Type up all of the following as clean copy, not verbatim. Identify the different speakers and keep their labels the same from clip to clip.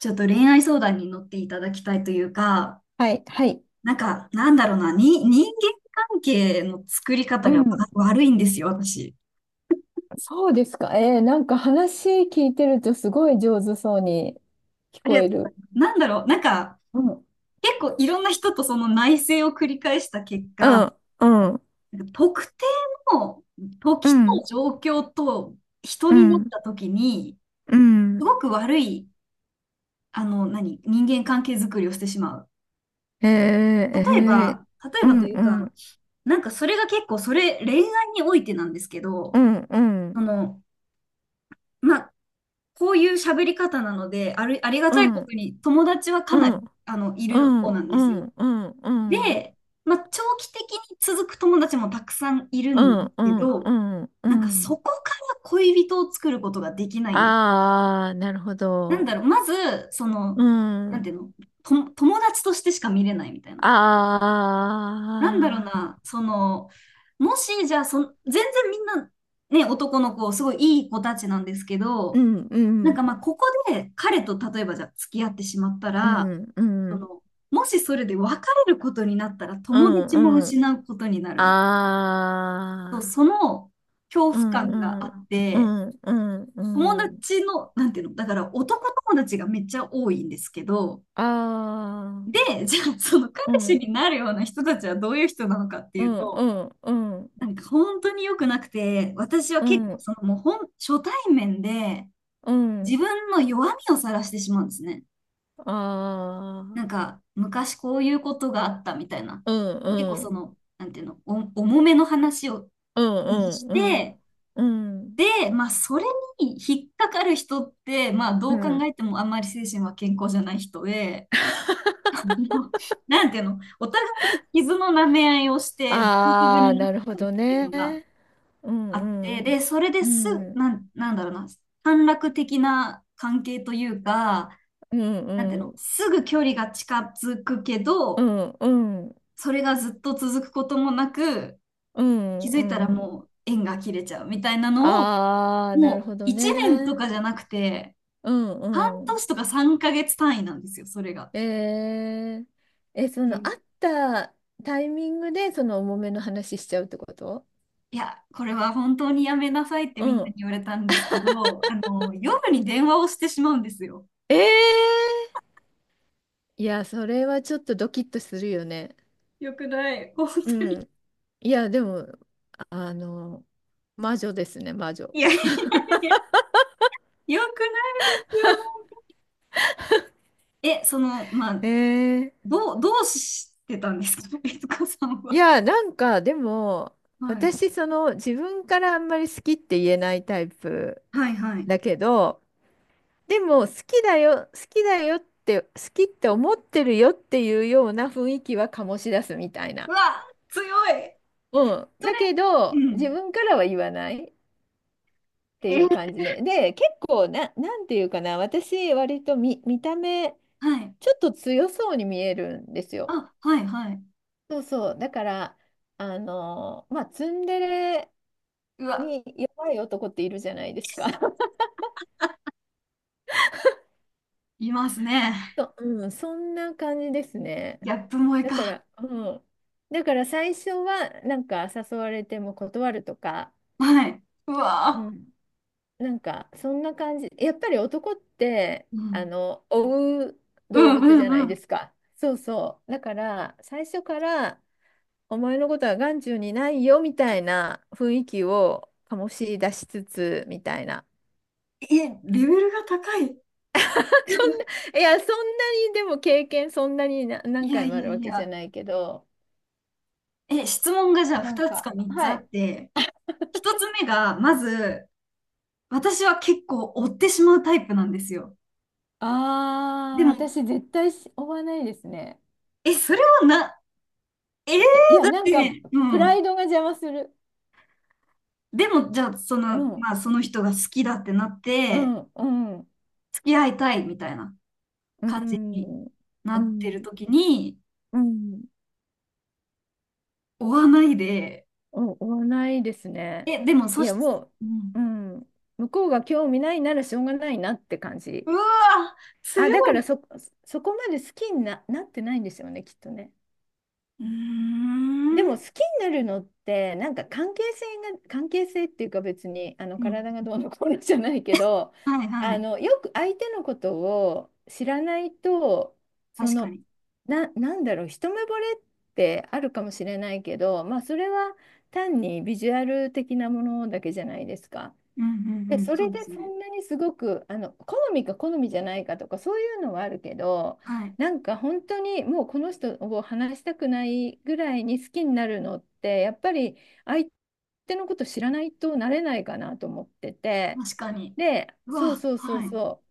Speaker 1: ちょっと恋愛相談に乗っていただきたいというか、
Speaker 2: はい、はい。
Speaker 1: なんか、なんだろうな、に、人間関係の作り方
Speaker 2: う
Speaker 1: が
Speaker 2: ん。
Speaker 1: 悪いんですよ、私。
Speaker 2: そうですか。なんか話聞いてるとすごい上手そうに聞
Speaker 1: あり
Speaker 2: こ
Speaker 1: がと
Speaker 2: え
Speaker 1: うござ
Speaker 2: る。
Speaker 1: います。
Speaker 2: うん。
Speaker 1: 結構いろんな人とその内省を繰り返した結
Speaker 2: う
Speaker 1: 果、
Speaker 2: ん、うん、
Speaker 1: 特定の
Speaker 2: う
Speaker 1: 時
Speaker 2: ん、
Speaker 1: と状況と人
Speaker 2: う
Speaker 1: になっ
Speaker 2: ん、
Speaker 1: た時に、
Speaker 2: う
Speaker 1: す
Speaker 2: ん。
Speaker 1: ごく悪い、人間関係作りをしてしまう。
Speaker 2: えー、え
Speaker 1: 例え
Speaker 2: う
Speaker 1: ば
Speaker 2: ん、
Speaker 1: という
Speaker 2: う
Speaker 1: か、
Speaker 2: ん、
Speaker 1: それが結構、恋愛においてなんですけ
Speaker 2: う
Speaker 1: ど、
Speaker 2: ん、う
Speaker 1: そ
Speaker 2: ん、
Speaker 1: の、まあ、こういう喋り方なので、ありが
Speaker 2: う
Speaker 1: たい
Speaker 2: ん、
Speaker 1: ことに友達はかな
Speaker 2: う
Speaker 1: り、
Speaker 2: ん、
Speaker 1: い
Speaker 2: う
Speaker 1: る
Speaker 2: ん、う
Speaker 1: 方な
Speaker 2: ん、
Speaker 1: ん
Speaker 2: う
Speaker 1: ですよ。
Speaker 2: ん、うん、うん、
Speaker 1: で、まあ、長期的に続く友達もたくさんいるんです
Speaker 2: う
Speaker 1: けど、
Speaker 2: ん、う
Speaker 1: そ
Speaker 2: ん。
Speaker 1: こから恋人を作ることができないんです。
Speaker 2: あー、なるほど。
Speaker 1: まず、そ
Speaker 2: う
Speaker 1: の、なん
Speaker 2: ん。
Speaker 1: ていうの、友達としてしか見れないみたいな。
Speaker 2: あ
Speaker 1: なんだろうな、その、もし、じゃあ全然みんな、ね、男の子、すごいいい子たちなんですけ
Speaker 2: ー、う
Speaker 1: ど、
Speaker 2: ん、うん、
Speaker 1: まあ、ここで彼と例えばじゃあ付き合ってしまった
Speaker 2: う
Speaker 1: ら、
Speaker 2: ん、うん、
Speaker 1: もしそれで別れることになったら
Speaker 2: う
Speaker 1: 友達も
Speaker 2: ん、うん、
Speaker 1: 失うことになる。
Speaker 2: ああ、
Speaker 1: その恐怖
Speaker 2: う
Speaker 1: 感が
Speaker 2: んう
Speaker 1: あ
Speaker 2: ん、
Speaker 1: っ
Speaker 2: う
Speaker 1: て、
Speaker 2: んうん
Speaker 1: 友
Speaker 2: うん。
Speaker 1: 達の、なんていうの、だから男友達がめっちゃ多いんですけど、
Speaker 2: ああ、
Speaker 1: で、じゃあその彼
Speaker 2: う
Speaker 1: 氏
Speaker 2: ん
Speaker 1: になるような人たちはどういう人なのかって
Speaker 2: う
Speaker 1: いう
Speaker 2: んう
Speaker 1: と、
Speaker 2: んうん
Speaker 1: 本当に良くなくて、私は
Speaker 2: う
Speaker 1: 結構
Speaker 2: ん
Speaker 1: そのもう本、初対面で
Speaker 2: うん
Speaker 1: 自分の弱みを晒してしまうんですね。
Speaker 2: ああ、
Speaker 1: 昔こういうことがあったみたいな。
Speaker 2: うん
Speaker 1: 結構
Speaker 2: うん
Speaker 1: なんていうの、重めの話を
Speaker 2: うん
Speaker 1: し
Speaker 2: うん
Speaker 1: て、
Speaker 2: うんうん
Speaker 1: で、まあ、それに引っかかる人って、まあ、どう考えてもあんまり精神は健康じゃない人で、あのなんていうの、お互いが傷の舐め合いをして、自分
Speaker 2: ああ、
Speaker 1: になっ
Speaker 2: なるほ
Speaker 1: たっ
Speaker 2: ど
Speaker 1: ていう
Speaker 2: ね。
Speaker 1: のが
Speaker 2: う
Speaker 1: あっ
Speaker 2: ん
Speaker 1: て、
Speaker 2: う
Speaker 1: で、
Speaker 2: ん
Speaker 1: それで
Speaker 2: う
Speaker 1: すぐ、
Speaker 2: ん
Speaker 1: なんだろうな、短絡的な関係というか、
Speaker 2: うんう
Speaker 1: なんていう
Speaker 2: んう
Speaker 1: の、
Speaker 2: ん
Speaker 1: すぐ距離が近づくけど、
Speaker 2: うん
Speaker 1: それがずっと続くこともなく、
Speaker 2: う
Speaker 1: 気
Speaker 2: ん
Speaker 1: づいたら
Speaker 2: うん
Speaker 1: もう縁が切れちゃうみたいなのを、
Speaker 2: ああ、なる
Speaker 1: もう
Speaker 2: ほど
Speaker 1: 1年と
Speaker 2: ね。
Speaker 1: かじゃなくて、
Speaker 2: う
Speaker 1: 半
Speaker 2: んうん。
Speaker 1: 年とか3ヶ月単位なんですよ、それが。
Speaker 2: えー、その会ったタイミングでその重めの話しちゃうってこと？
Speaker 1: いや、これは本当にやめなさいって
Speaker 2: う
Speaker 1: みんなに
Speaker 2: ん。
Speaker 1: 言われたんですけど、夜に電話をしてしまうんですよ。
Speaker 2: ええ、いや、それはちょっとドキッとするよね。
Speaker 1: よくない、本当
Speaker 2: う
Speaker 1: に。
Speaker 2: ん。いや、でも、あの、魔女ですね、魔女。
Speaker 1: いやいやいや、よくないよ。え、その、まあ、
Speaker 2: えー、
Speaker 1: どうしてたんですか、悦子さん
Speaker 2: い
Speaker 1: は。
Speaker 2: や、なんか、でも、
Speaker 1: はい。
Speaker 2: 私、その、自分からあんまり好きって言えないタイプ
Speaker 1: はいはい。
Speaker 2: だけど、でも好きだよ、好きだよって、好きって思ってるよっていうような雰囲気は醸し出すみたい
Speaker 1: う
Speaker 2: な。
Speaker 1: わ、強い。
Speaker 2: うん。
Speaker 1: そ
Speaker 2: だ
Speaker 1: れ、
Speaker 2: け
Speaker 1: う
Speaker 2: ど、自
Speaker 1: ん。
Speaker 2: 分からは言わないって
Speaker 1: え
Speaker 2: いう
Speaker 1: ー、
Speaker 2: 感じで。で、結構な、なんていうかな、私、割と見た目、
Speaker 1: はい。
Speaker 2: ちょっと強そうに見えるんですよ。
Speaker 1: あ、はいはい。
Speaker 2: そうそう。だから、まあ、ツンデレ
Speaker 1: うわ、
Speaker 2: に弱い男っているじゃないですか。
Speaker 1: いますね。
Speaker 2: そんな感じですね。
Speaker 1: ギャップ萌え
Speaker 2: だか
Speaker 1: か。
Speaker 2: ら、うん。だから最初は、なんか誘われても断るとか、
Speaker 1: はい。う
Speaker 2: う
Speaker 1: わ
Speaker 2: ん。なんか、そんな感じ。やっぱり男って、
Speaker 1: ー、うん。
Speaker 2: 追う
Speaker 1: う
Speaker 2: 動
Speaker 1: ん
Speaker 2: 物じ
Speaker 1: う
Speaker 2: ゃな
Speaker 1: んう
Speaker 2: いで
Speaker 1: ん。
Speaker 2: すか。そうそう。だから、最初から、お前のことは眼中にないよ、みたいな雰囲気を醸し出しつつ、みたいな。
Speaker 1: え、レベルが高い。
Speaker 2: そんな、いや、そんなに、でも経験そんなに何
Speaker 1: いや
Speaker 2: 回も
Speaker 1: い
Speaker 2: あ
Speaker 1: や
Speaker 2: るわ
Speaker 1: い
Speaker 2: けじゃ
Speaker 1: や。
Speaker 2: ないけど、
Speaker 1: え、質問がじゃあ
Speaker 2: なん
Speaker 1: 2つか
Speaker 2: か、
Speaker 1: 3つ
Speaker 2: は
Speaker 1: あっ
Speaker 2: い。
Speaker 1: て、1つ目が、まず、私は結構追ってしまうタイプなんですよ。
Speaker 2: あ
Speaker 1: で
Speaker 2: あ、
Speaker 1: も、
Speaker 2: 私絶対追わないですね。
Speaker 1: え、それはな、えー、
Speaker 2: え、いや、
Speaker 1: だっ
Speaker 2: なんか、
Speaker 1: て、う
Speaker 2: プラ
Speaker 1: ん。
Speaker 2: イドが邪魔する。
Speaker 1: でも、じゃあ、
Speaker 2: うん、
Speaker 1: まあ、その人が好きだってなっ
Speaker 2: う
Speaker 1: て、
Speaker 2: ん、うん、
Speaker 1: 付き合いたいみたいな。
Speaker 2: う
Speaker 1: 感じに
Speaker 2: ん、
Speaker 1: な
Speaker 2: う
Speaker 1: ってる
Speaker 2: ん、
Speaker 1: 時に
Speaker 2: うん、
Speaker 1: 追わないで、
Speaker 2: 追わないですね。
Speaker 1: え、でも
Speaker 2: い
Speaker 1: そ
Speaker 2: や、
Speaker 1: し、
Speaker 2: も
Speaker 1: うん、
Speaker 2: う、うん、向こうが興味ないならしょうがないなって感
Speaker 1: う
Speaker 2: じ。
Speaker 1: わー、強
Speaker 2: あ、だから
Speaker 1: い。
Speaker 2: そこまで好きになってないんですよね、きっとね。
Speaker 1: うー
Speaker 2: で
Speaker 1: ん。
Speaker 2: も好きになるのってなんか関係性っていうか、別にあの
Speaker 1: うん、
Speaker 2: 体がどうのこうのじゃないけど、
Speaker 1: はいは
Speaker 2: あ
Speaker 1: い。
Speaker 2: のよく相手のことを知らないと、そ
Speaker 1: 確か
Speaker 2: の
Speaker 1: に。
Speaker 2: なんだろう、一目惚れってあるかもしれないけど、まあそれは単にビジュアル的なものだけじゃないですか。
Speaker 1: うんう
Speaker 2: で、
Speaker 1: んうん。
Speaker 2: そ
Speaker 1: そう
Speaker 2: れ
Speaker 1: で
Speaker 2: で
Speaker 1: す
Speaker 2: そ
Speaker 1: ね。
Speaker 2: んなにすごく、好みか好みじゃないかとか、そういうのはあるけど、
Speaker 1: はい。
Speaker 2: なんか本当にもうこの人を話したくないぐらいに好きになるのって、やっぱり相手のこと知らないとなれないかなと思ってて、
Speaker 1: 確かに。
Speaker 2: で、
Speaker 1: う
Speaker 2: そう
Speaker 1: わ、
Speaker 2: そうそう
Speaker 1: はい。
Speaker 2: そう。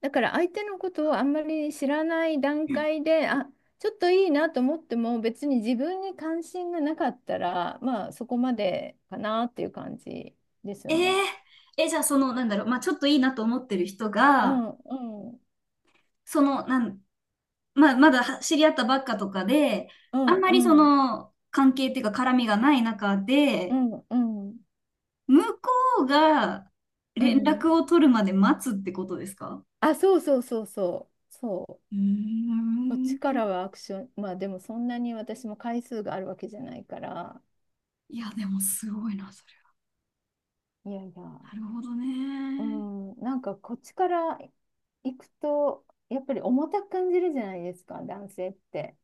Speaker 2: だから相手のことをあんまり知らない段
Speaker 1: うん、
Speaker 2: 階で、あ、ちょっといいなと思っても、別に自分に関心がなかったら、まあそこまでかなっていう感じです
Speaker 1: え
Speaker 2: よ
Speaker 1: ー、
Speaker 2: ね。
Speaker 1: じゃあまあちょっといいなと思ってる人
Speaker 2: う
Speaker 1: が、
Speaker 2: んうん
Speaker 1: その、なん、まあまだは知り合ったばっかとかで、
Speaker 2: う
Speaker 1: あ
Speaker 2: ん
Speaker 1: んま
Speaker 2: う
Speaker 1: り
Speaker 2: ん
Speaker 1: 関係っていうか絡みがない中
Speaker 2: う
Speaker 1: で、
Speaker 2: んうん
Speaker 1: 向こうが
Speaker 2: う
Speaker 1: 連
Speaker 2: ん、
Speaker 1: 絡を取るまで待つってことですか？
Speaker 2: あ、そうそうそうそうそう、
Speaker 1: うー
Speaker 2: こっちか
Speaker 1: ん。
Speaker 2: らはアクション、まあでもそんなに私も回数があるわけじゃないから、
Speaker 1: いや、でもすごいな、それ
Speaker 2: いやいや、
Speaker 1: は。なるほど
Speaker 2: う
Speaker 1: ね。
Speaker 2: ん、なんかこっちから行くとやっぱり重たく感じるじゃないですか、男性って。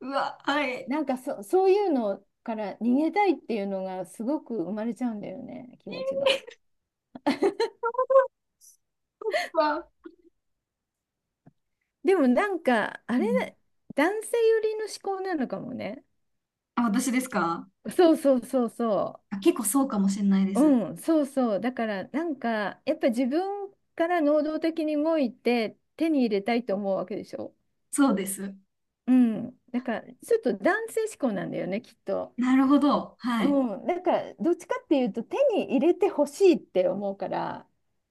Speaker 1: うわ、はい。
Speaker 2: なんかそういうのから逃げたいっていうのがすごく生まれちゃうんだよね、気持ちが。
Speaker 1: うわ、
Speaker 2: でもなんかあ
Speaker 1: う
Speaker 2: れ、
Speaker 1: ん、
Speaker 2: 男性寄りの思考なのかもね。
Speaker 1: あ、私ですか？
Speaker 2: そうそうそうそ
Speaker 1: あ、結構そうかもしれないで
Speaker 2: う。
Speaker 1: す。
Speaker 2: うん、そうそう。だからなんかやっぱ自分から能動的に動いて手に入れたいと思うわけでしょ。
Speaker 1: そうです。
Speaker 2: うん。だからちょっと男性志向なんだよね、きっと。
Speaker 1: なるほど。はい。
Speaker 2: うん。だからどっちかっていうと手に入れてほしいって思うから、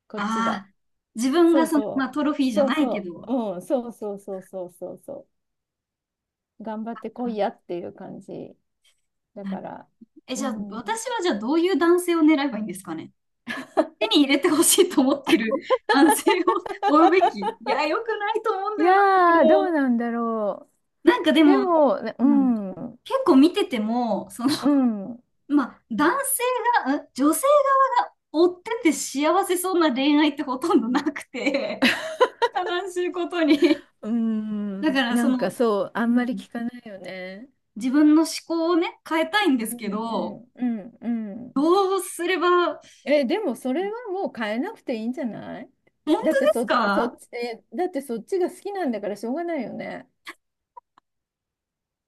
Speaker 2: こっち
Speaker 1: あ
Speaker 2: は。
Speaker 1: あ、自分
Speaker 2: そ
Speaker 1: が
Speaker 2: う
Speaker 1: まあ、
Speaker 2: そ
Speaker 1: トロフィ
Speaker 2: う。
Speaker 1: ーじゃ
Speaker 2: そう
Speaker 1: ないけ
Speaker 2: そ
Speaker 1: ど。
Speaker 2: う。うん。そうそうそうそうそうそう。頑張ってこい
Speaker 1: あ、
Speaker 2: やっていう感じ。だ
Speaker 1: なる
Speaker 2: か
Speaker 1: ほど。
Speaker 2: ら。う
Speaker 1: じゃあ、
Speaker 2: ん。
Speaker 1: 私はじゃあどういう男性を狙えばいいんですかね？手に入れてほしいと思ってる 男性を追うべき。いや、良くないと思うん
Speaker 2: い
Speaker 1: だよな、それ
Speaker 2: やー、どう
Speaker 1: も。
Speaker 2: なんだろ
Speaker 1: なんかで
Speaker 2: う。で
Speaker 1: も、
Speaker 2: も、ね、
Speaker 1: う
Speaker 2: う
Speaker 1: ん、
Speaker 2: ん、う
Speaker 1: 結構見てても、その、
Speaker 2: ん、う
Speaker 1: まあ、男性が、うん、女性側が追ってて幸せそうな恋愛ってほとんどなくて、悲しいことに。
Speaker 2: ー
Speaker 1: だか
Speaker 2: ん、
Speaker 1: ら
Speaker 2: なんかそう、あ
Speaker 1: う
Speaker 2: んまり
Speaker 1: ん、
Speaker 2: 聞かないよね。
Speaker 1: 自分の思考をね、変えたいんです
Speaker 2: う
Speaker 1: け
Speaker 2: ん、う
Speaker 1: ど、
Speaker 2: ん、うん、うん。
Speaker 1: どうすれば、
Speaker 2: え、でもそれはもう変えなくていいんじゃない？
Speaker 1: 本当
Speaker 2: だ
Speaker 1: で
Speaker 2: って
Speaker 1: す
Speaker 2: そ
Speaker 1: か？
Speaker 2: っち、だってそっちが好きなんだからしょうがないよね。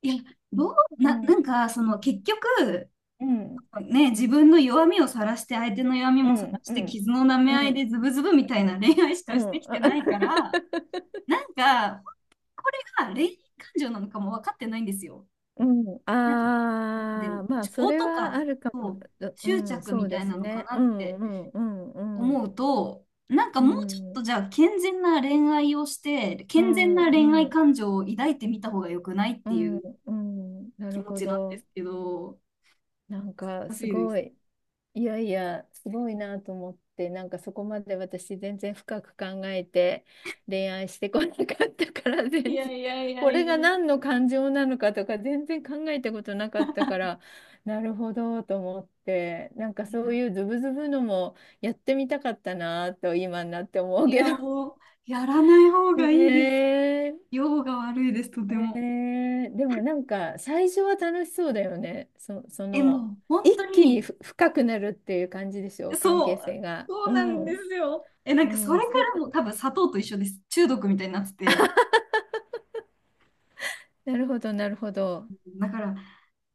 Speaker 1: いや、どう、
Speaker 2: う
Speaker 1: な、
Speaker 2: ん、
Speaker 1: なんか、そ
Speaker 2: う
Speaker 1: の
Speaker 2: ん、
Speaker 1: 結局、
Speaker 2: うん、
Speaker 1: ね、自分の弱みを晒して、相手の弱み
Speaker 2: う
Speaker 1: も晒
Speaker 2: ん、
Speaker 1: し
Speaker 2: う
Speaker 1: て、
Speaker 2: ん、
Speaker 1: 傷の舐め
Speaker 2: う
Speaker 1: 合いで
Speaker 2: ん、
Speaker 1: ズブズブみた
Speaker 2: う
Speaker 1: いな
Speaker 2: ん。
Speaker 1: 恋愛しかしてきてないから、なんか、これが恋愛感情なのかも分かってないんですよ。
Speaker 2: うん、
Speaker 1: なんか、なんで、
Speaker 2: ああ、まあ、そ
Speaker 1: 情
Speaker 2: れ
Speaker 1: と
Speaker 2: はあ
Speaker 1: か
Speaker 2: るかも。うう
Speaker 1: 執
Speaker 2: ん、
Speaker 1: 着
Speaker 2: そ
Speaker 1: み
Speaker 2: う
Speaker 1: た
Speaker 2: で
Speaker 1: いな
Speaker 2: す
Speaker 1: のか
Speaker 2: ね。
Speaker 1: な
Speaker 2: う
Speaker 1: っ
Speaker 2: ん、
Speaker 1: て
Speaker 2: うん、うん、うん。
Speaker 1: 思うと、
Speaker 2: う
Speaker 1: もうちょっと
Speaker 2: ん、
Speaker 1: じゃあ健全な恋愛をして、
Speaker 2: う
Speaker 1: 健全な恋
Speaker 2: ん、う
Speaker 1: 愛
Speaker 2: ん、
Speaker 1: 感情を抱いてみた方が良くないっ
Speaker 2: う
Speaker 1: てい
Speaker 2: ん、
Speaker 1: う
Speaker 2: うん、な
Speaker 1: 気
Speaker 2: る
Speaker 1: 持
Speaker 2: ほ
Speaker 1: ちなんで
Speaker 2: ど。
Speaker 1: すけど、
Speaker 2: なんか
Speaker 1: 難
Speaker 2: す
Speaker 1: しいで
Speaker 2: ご
Speaker 1: す。
Speaker 2: い、いやいや、すごいなと思って、なんかそこまで私全然深く考えて恋愛してこなかったから、
Speaker 1: い
Speaker 2: 全
Speaker 1: や
Speaker 2: 然、
Speaker 1: いやいや
Speaker 2: これ
Speaker 1: いや。
Speaker 2: が何の感情なのかとか全然考えたことなかったから、なるほどと思って、なんかそういうズブズブのもやってみたかったなと今になって思う
Speaker 1: い
Speaker 2: け
Speaker 1: や、
Speaker 2: ど。
Speaker 1: もう、やらない方 がいいで
Speaker 2: へ
Speaker 1: す。
Speaker 2: え、
Speaker 1: 用が悪いです、とても。
Speaker 2: ねえ、でもなんか最初は楽しそうだよね。そ
Speaker 1: え、
Speaker 2: の
Speaker 1: もう、本当
Speaker 2: 一気に
Speaker 1: に、
Speaker 2: 深くなるっていう感じでしょ、関
Speaker 1: そ
Speaker 2: 係
Speaker 1: う、
Speaker 2: 性が。
Speaker 1: そ
Speaker 2: う
Speaker 1: うなんで
Speaker 2: ん、
Speaker 1: すよ。え、なん
Speaker 2: う
Speaker 1: か、そ
Speaker 2: ん、
Speaker 1: れか
Speaker 2: それ、
Speaker 1: らも多分、砂糖と一緒です。中毒みたいになってて。
Speaker 2: なるほど、なるほど。
Speaker 1: だから、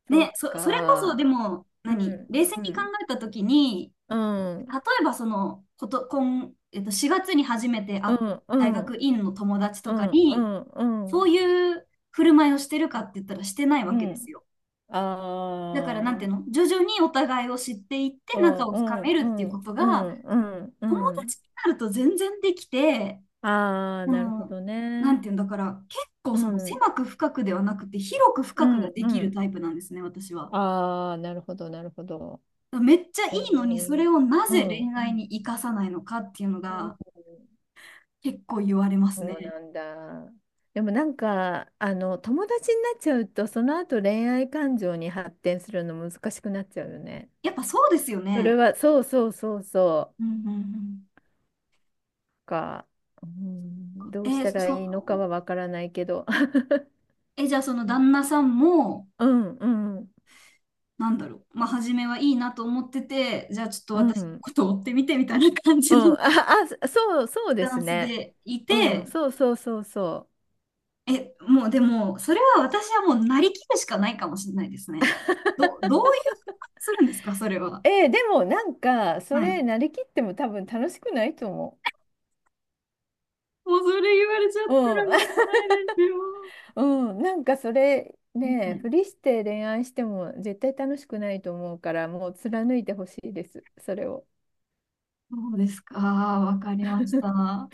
Speaker 2: そ
Speaker 1: ね、
Speaker 2: う
Speaker 1: それこそ、
Speaker 2: か。
Speaker 1: でも、
Speaker 2: う
Speaker 1: 何、
Speaker 2: ん、
Speaker 1: 冷静
Speaker 2: う
Speaker 1: に考
Speaker 2: ん、
Speaker 1: えたときに、
Speaker 2: うん、
Speaker 1: 例えば、今、4月に初めて会
Speaker 2: う
Speaker 1: っ
Speaker 2: ん、う
Speaker 1: た大学
Speaker 2: ん、
Speaker 1: 院の友達
Speaker 2: う
Speaker 1: とか
Speaker 2: ん、う
Speaker 1: に、
Speaker 2: ん、うん、う
Speaker 1: そう
Speaker 2: ん
Speaker 1: いう振る舞いをしてるかって言ったら、してない
Speaker 2: う
Speaker 1: わけです
Speaker 2: ん。
Speaker 1: よ。だから、なんてい
Speaker 2: あ
Speaker 1: う
Speaker 2: あ、
Speaker 1: の、徐々にお互いを知っていって
Speaker 2: う
Speaker 1: 仲
Speaker 2: ん、
Speaker 1: を
Speaker 2: う
Speaker 1: 深め
Speaker 2: ん、う
Speaker 1: るっていうこ
Speaker 2: ん、
Speaker 1: と
Speaker 2: う
Speaker 1: が、
Speaker 2: ん、うん、う
Speaker 1: 友
Speaker 2: ん。
Speaker 1: 達になると全然できて、
Speaker 2: ああ、
Speaker 1: そ
Speaker 2: なるほ
Speaker 1: の、
Speaker 2: ど
Speaker 1: なん
Speaker 2: ね。
Speaker 1: ていうんだから、結構
Speaker 2: うん、
Speaker 1: 狭く深くではなくて、広く
Speaker 2: う
Speaker 1: 深くが
Speaker 2: ん、
Speaker 1: で
Speaker 2: う
Speaker 1: きる
Speaker 2: ん。
Speaker 1: タイプなんですね、私は。
Speaker 2: ああ、なるほど、なるほど。
Speaker 1: だからめっちゃい
Speaker 2: え
Speaker 1: いのに、それ
Speaker 2: ー、
Speaker 1: をな
Speaker 2: う
Speaker 1: ぜ
Speaker 2: ん、
Speaker 1: 恋
Speaker 2: う
Speaker 1: 愛に
Speaker 2: ん、
Speaker 1: 生かさないのかっていうの
Speaker 2: うん、
Speaker 1: が結構言われます
Speaker 2: そう
Speaker 1: ね。
Speaker 2: なんだ。でもなんか、友達になっちゃうと、その後恋愛感情に発展するの難しくなっちゃうよね。
Speaker 1: やっぱそうですよ
Speaker 2: それ
Speaker 1: ね。
Speaker 2: は、そうそうそうそ
Speaker 1: うん
Speaker 2: う。
Speaker 1: うん
Speaker 2: か、うん、ど
Speaker 1: う
Speaker 2: う
Speaker 1: ん。
Speaker 2: したらいいのかはわからないけど。
Speaker 1: じゃあその旦那さんも、
Speaker 2: うん、うん、
Speaker 1: まあ、初めはいいなと思ってて、じゃあちょっと
Speaker 2: うん、う
Speaker 1: 私の
Speaker 2: ん。
Speaker 1: ことを追ってみてみたいな感じの
Speaker 2: あ、あ、そう、そう
Speaker 1: ス
Speaker 2: で
Speaker 1: タ
Speaker 2: す
Speaker 1: ンス
Speaker 2: ね。
Speaker 1: でい
Speaker 2: うん、
Speaker 1: て、
Speaker 2: そうそうそうそ
Speaker 1: もうでも、それは私はもうなりきるしかないかもしれないですね。どういう、するんですか、それは。
Speaker 2: う。でもなんか、そ
Speaker 1: はい。
Speaker 2: れ、なりきっても多分楽しくないと思
Speaker 1: もうそれ言われちゃっ
Speaker 2: う。う
Speaker 1: た
Speaker 2: ん。
Speaker 1: らもうし ないですよ。
Speaker 2: うん、なんかそれ
Speaker 1: は
Speaker 2: ね、
Speaker 1: い。
Speaker 2: ふりして恋愛しても絶対楽しくないと思うから、もう貫いてほしいです、それを。
Speaker 1: そうですか、わかりました。